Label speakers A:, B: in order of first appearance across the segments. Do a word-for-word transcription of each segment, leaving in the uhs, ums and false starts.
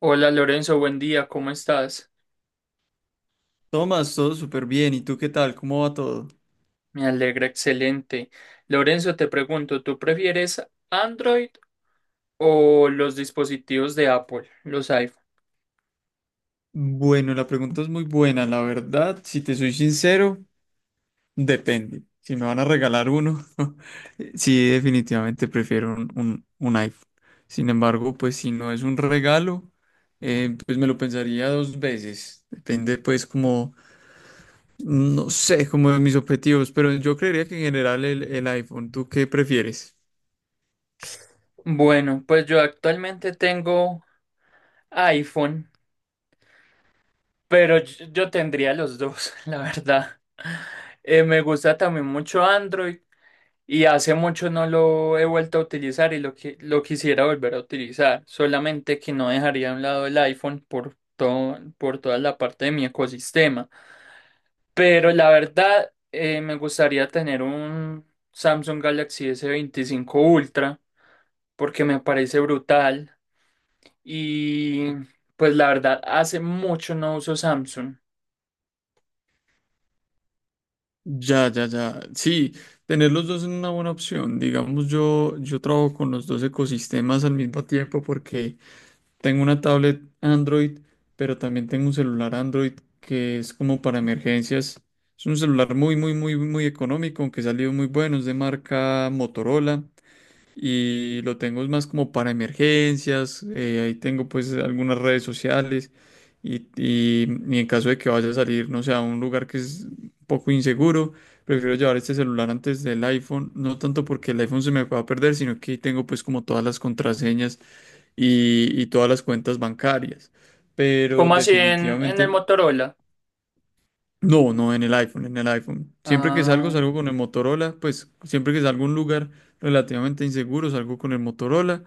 A: Hola Lorenzo, buen día, ¿cómo estás?
B: Tomás, todo súper bien. ¿Y tú qué tal? ¿Cómo va todo?
A: Me alegra, excelente. Lorenzo, te pregunto, ¿tú prefieres Android o los dispositivos de Apple, los iPhone?
B: Bueno, la pregunta es muy buena. La verdad, si te soy sincero, depende. Si me van a regalar uno, eh, sí, definitivamente prefiero un, un- un iPhone. Sin embargo, pues si no es un regalo, eh, pues me lo pensaría dos veces. Depende, pues, como, no sé, como de mis objetivos, pero yo creería que en general el, el iPhone. ¿Tú qué prefieres?
A: Bueno, pues yo actualmente tengo iPhone. Pero yo, yo tendría los dos, la verdad. Eh, me gusta también mucho Android y hace mucho no lo he vuelto a utilizar y lo, qui- lo quisiera volver a utilizar. Solamente que no dejaría a un lado el iPhone por todo, por toda la parte de mi ecosistema. Pero la verdad, eh, me gustaría tener un Samsung Galaxy s veinticinco Ultra porque me parece brutal. Y pues la verdad, hace mucho no uso Samsung.
B: Ya, ya, ya. Sí, tener los dos es una buena opción. Digamos, yo, yo trabajo con los dos ecosistemas al mismo tiempo porque tengo una tablet Android, pero también tengo un celular Android que es como para emergencias. Es un celular muy, muy, muy, muy económico, aunque salió muy bueno, es de marca Motorola y lo tengo más como para emergencias. Eh, ahí tengo pues algunas redes sociales y, y- y en caso de que vaya a salir, no sé, a un lugar que es un poco inseguro, prefiero llevar este celular antes del iPhone, no tanto porque el iPhone se me va a perder, sino que tengo pues como todas las contraseñas y, y todas las cuentas bancarias, pero
A: Como así en, en el
B: definitivamente...
A: Motorola?
B: No, no, en el iPhone, en el iPhone. Siempre que salgo,
A: Ah,
B: salgo con el Motorola. Pues siempre que salgo a un lugar relativamente inseguro, salgo con el Motorola.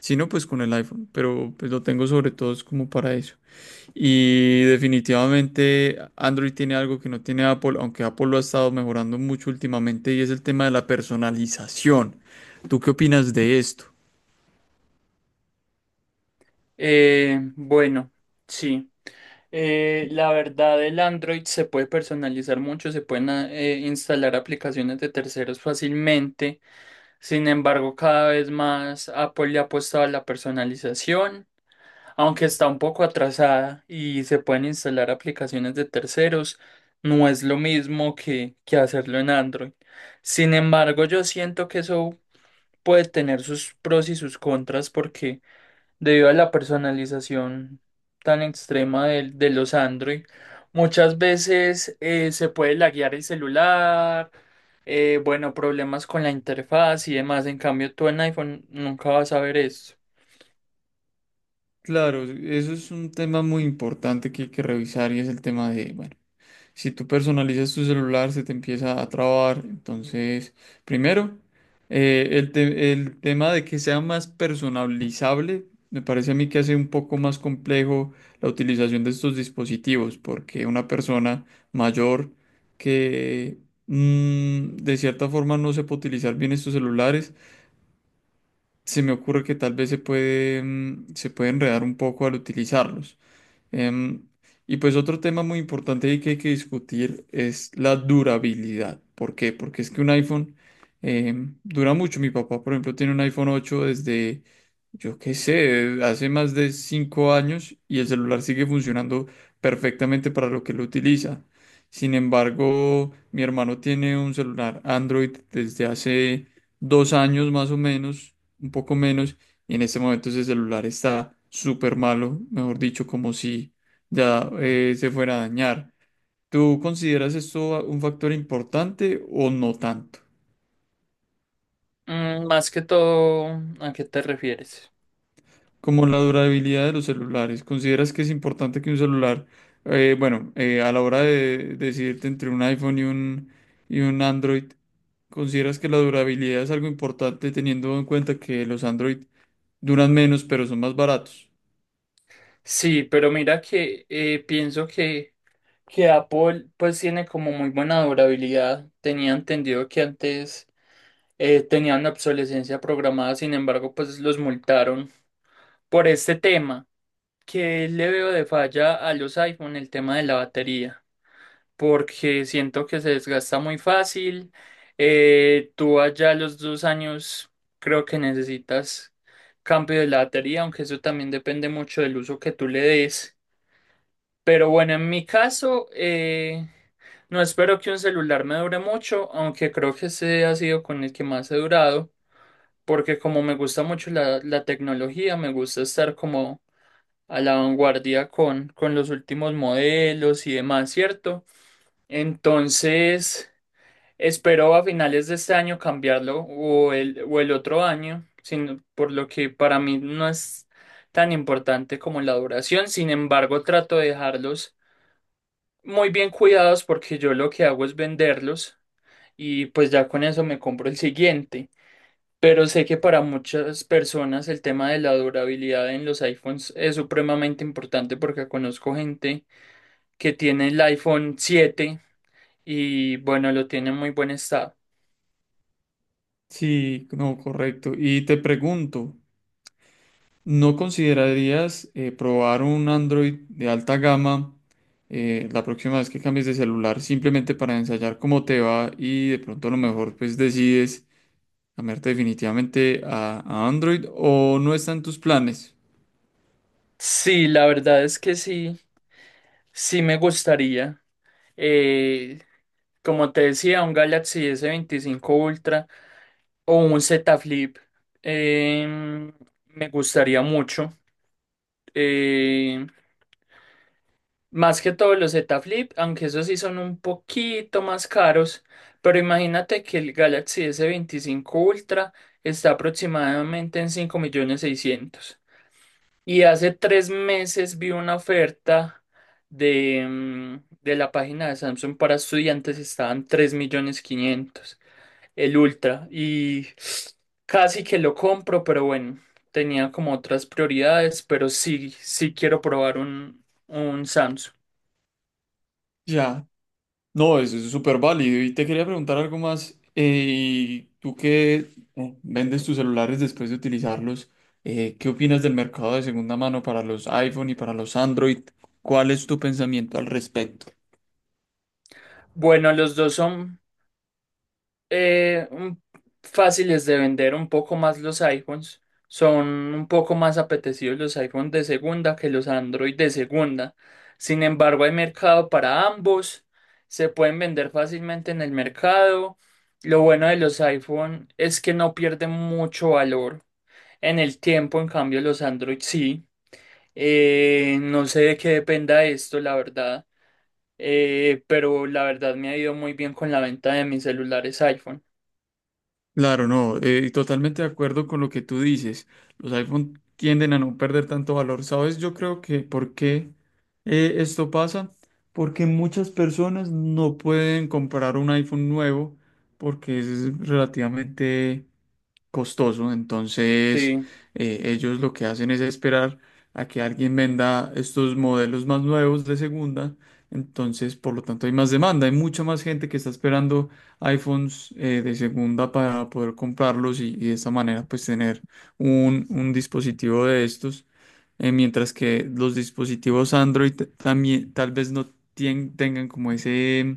B: Si no, pues con el iPhone. Pero pues lo tengo sobre todo es como para eso. Y definitivamente Android tiene algo que no tiene Apple, aunque Apple lo ha estado mejorando mucho últimamente, y es el tema de la personalización. ¿Tú qué opinas de esto?
A: eh, bueno, sí. Eh, la verdad, el Android se puede personalizar mucho, se pueden ah, eh, instalar aplicaciones de terceros fácilmente. Sin embargo, cada vez más Apple le ha apostado a la personalización, aunque está un poco atrasada y se pueden instalar aplicaciones de terceros, no es lo mismo que, que hacerlo en Android. Sin embargo, yo siento que eso puede tener sus pros y sus contras porque debido a la personalización tan extrema de, de los Android, muchas veces eh, se puede laguear el celular, eh, bueno, problemas con la interfaz y demás. En cambio, tú en iPhone nunca vas a ver eso.
B: Claro, eso es un tema muy importante que hay que revisar, y es el tema de, bueno. Si tú personalizas tu celular, se te empieza a trabar. Entonces, primero, eh, el, te- el tema de que sea más personalizable, me parece a mí que hace un poco más complejo la utilización de estos dispositivos, porque una persona mayor que mm, de cierta forma no sepa utilizar bien estos celulares, se me ocurre que tal vez se puede, mm, se puede enredar un poco al utilizarlos. Em, y pues otro tema muy importante ahí que hay que discutir es la durabilidad. ¿Por qué? Porque es que un iPhone em, dura mucho. Mi papá, por ejemplo, tiene un iPhone ocho desde, yo qué sé, hace más de cinco años, y el celular sigue funcionando perfectamente para lo que lo utiliza. Sin embargo, mi hermano tiene un celular Android desde hace dos años más o menos, un poco menos, y en este momento ese celular está súper malo, mejor dicho, como si ya eh, se fuera a dañar. ¿Tú consideras esto un factor importante o no tanto?
A: Mm, más que todo, ¿a qué te refieres?
B: Como la durabilidad de los celulares, ¿consideras que es importante que un celular, eh, bueno, eh, a la hora de decidirte entre un iPhone y un, y un Android, consideras que la durabilidad es algo importante teniendo en cuenta que los Android duran menos pero son más baratos?
A: Sí, pero mira que eh, pienso que, que Apple pues tiene como muy buena durabilidad. Tenía entendido que antes eh, tenían obsolescencia programada, sin embargo, pues los multaron por este tema que le veo de falla a los iPhone, el tema de la batería, porque siento que se desgasta muy fácil. Eh, tú allá a los dos años creo que necesitas cambio de la batería, aunque eso también depende mucho del uso que tú le des. Pero bueno, en mi caso, eh, no espero que un celular me dure mucho, aunque creo que ese ha sido con el que más he durado porque como me gusta mucho la, la tecnología, me gusta estar como a la vanguardia con, con los últimos modelos y demás, ¿cierto? Entonces, espero a finales de este año cambiarlo o el, o el otro año, sin- por lo que para mí no es tan importante como la duración. Sin embargo, trato de dejarlos muy bien cuidados porque yo lo que hago es venderlos y pues ya con eso me compro el siguiente. Pero sé que para muchas personas el tema de la durabilidad en los iPhones es supremamente importante porque conozco gente que tiene el iPhone siete y bueno, lo tiene en muy buen estado.
B: Sí, no, correcto. Y te pregunto, ¿no considerarías, eh, probar un Android de alta gama eh, la próxima vez que cambies de celular, simplemente para ensayar cómo te va, y de pronto a lo mejor pues decides cambiarte definitivamente a, a Android, o no está en tus planes?
A: Sí, la verdad es que sí, sí me gustaría. Eh, Como te decía, un Galaxy s veinticinco Ultra o un Z Flip eh, me gustaría mucho. eh, Más que todos los Z Flip, aunque esos sí son un poquito más caros, pero imagínate que el Galaxy s veinticinco Ultra está aproximadamente en cinco millones seiscientos mil. Y hace tres meses vi una oferta de, mm, de la página de Samsung para estudiantes, estaban tres millones quinientos mil el Ultra. Y casi que lo compro, pero bueno, tenía como otras prioridades, pero sí, sí quiero probar un, un Samsung.
B: Ya, no, eso es súper válido. Y te quería preguntar algo más. Eh, tú que eh, vendes tus celulares después de utilizarlos, eh, ¿qué opinas del mercado de segunda mano para los iPhone y para los Android? ¿Cuál es tu pensamiento al respecto?
A: Bueno, los dos son eh, un- fáciles de vender, un poco más los iPhones. Son un poco más apetecidos los iPhones de segunda que los Android de segunda. Sin embargo, hay mercado para ambos. Se pueden vender fácilmente en el mercado. Lo bueno de los iPhone es que no pierden mucho valor en el tiempo. En cambio, los Android sí. Eh, no sé de qué dependa esto, la verdad eh, pero la verdad me ha ido muy bien con la venta de mis celulares iPhone.
B: Claro, no, eh, y totalmente de acuerdo con lo que tú dices. Los iPhone tienden a no perder tanto valor. ¿Sabes? Yo creo que, ¿por qué eh, esto pasa? Porque muchas personas no pueden comprar un iPhone nuevo, porque es relativamente costoso. Entonces,
A: Sí.
B: eh, ellos lo que hacen es esperar a que alguien venda estos modelos más nuevos de segunda. Entonces, por lo tanto, hay más demanda. Hay mucha más gente que está esperando iPhones eh, de segunda para poder comprarlos, y, y de esta manera, pues, tener un, un dispositivo de estos. Eh, mientras que los dispositivos Android también tal vez no tien- tengan como ese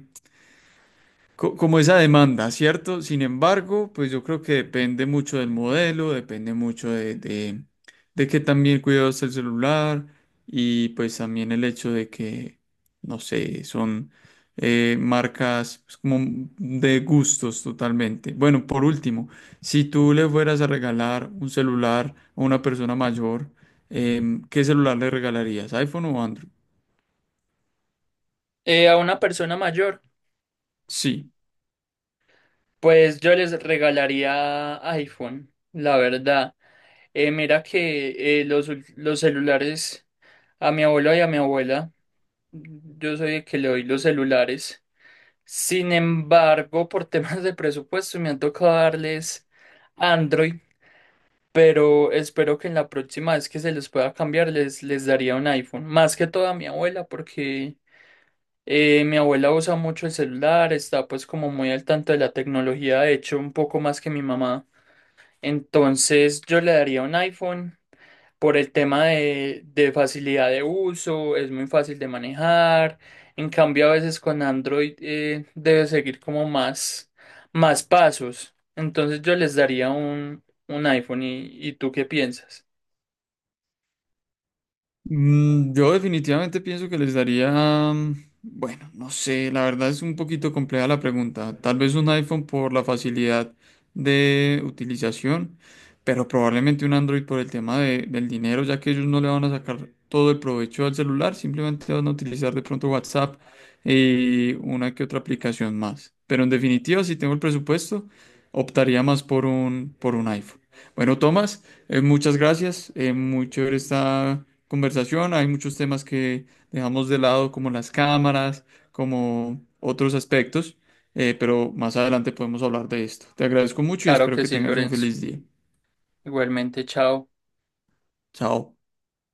B: co- como esa demanda, ¿cierto? Sin embargo, pues yo creo que depende mucho del modelo, depende mucho de, de, de que también cuidados el celular, y pues también el hecho de que, no sé, son eh, marcas pues, como de gustos totalmente. Bueno, por último, si tú le fueras a regalar un celular a una persona mayor, em, ¿qué celular le regalarías? ¿iPhone o Android?
A: Eh, a una persona mayor,
B: Sí.
A: pues yo les regalaría iPhone, la verdad. Eh, mira que eh, los, ul- los celulares a mi abuelo y a mi abuela, yo soy el que le doy los celulares. Sin embargo, por temas de presupuesto me han tocado darles Android, pero espero que en la próxima vez que se les pueda cambiar les, les daría un iPhone. Más que todo a mi abuela, porque Eh, mi abuela usa mucho el celular, está pues como muy al tanto de la tecnología, de hecho un poco más que mi mamá. Entonces yo le daría un iPhone por el tema de, de facilidad de uso, es muy fácil de manejar. En cambio a veces con Android eh, debe seguir como más, más pasos. Entonces yo les daría un, un iPhone y, ¿y tú qué piensas?
B: Mm, Yo definitivamente pienso que les daría, mm, bueno, no sé, la verdad es un poquito compleja la pregunta. Tal vez un iPhone por la facilidad de utilización, pero probablemente un Android por el tema de- del dinero, ya que ellos no le van a sacar todo el provecho al celular, simplemente van a utilizar de pronto WhatsApp y una que otra aplicación más. Pero en definitiva, si tengo el presupuesto, optaría más por un, por un iPhone. Bueno, Tomás. Eh, muchas gracias, eh, muy chévere esta conversación. Hay muchos temas que dejamos de lado, como las cámaras, como otros aspectos, eh, pero más adelante podemos hablar de esto. Te agradezco mucho y
A: Claro
B: espero
A: que
B: que
A: sí,
B: tengas un
A: Lorenzo.
B: feliz día.
A: Igualmente, chao.
B: Chao.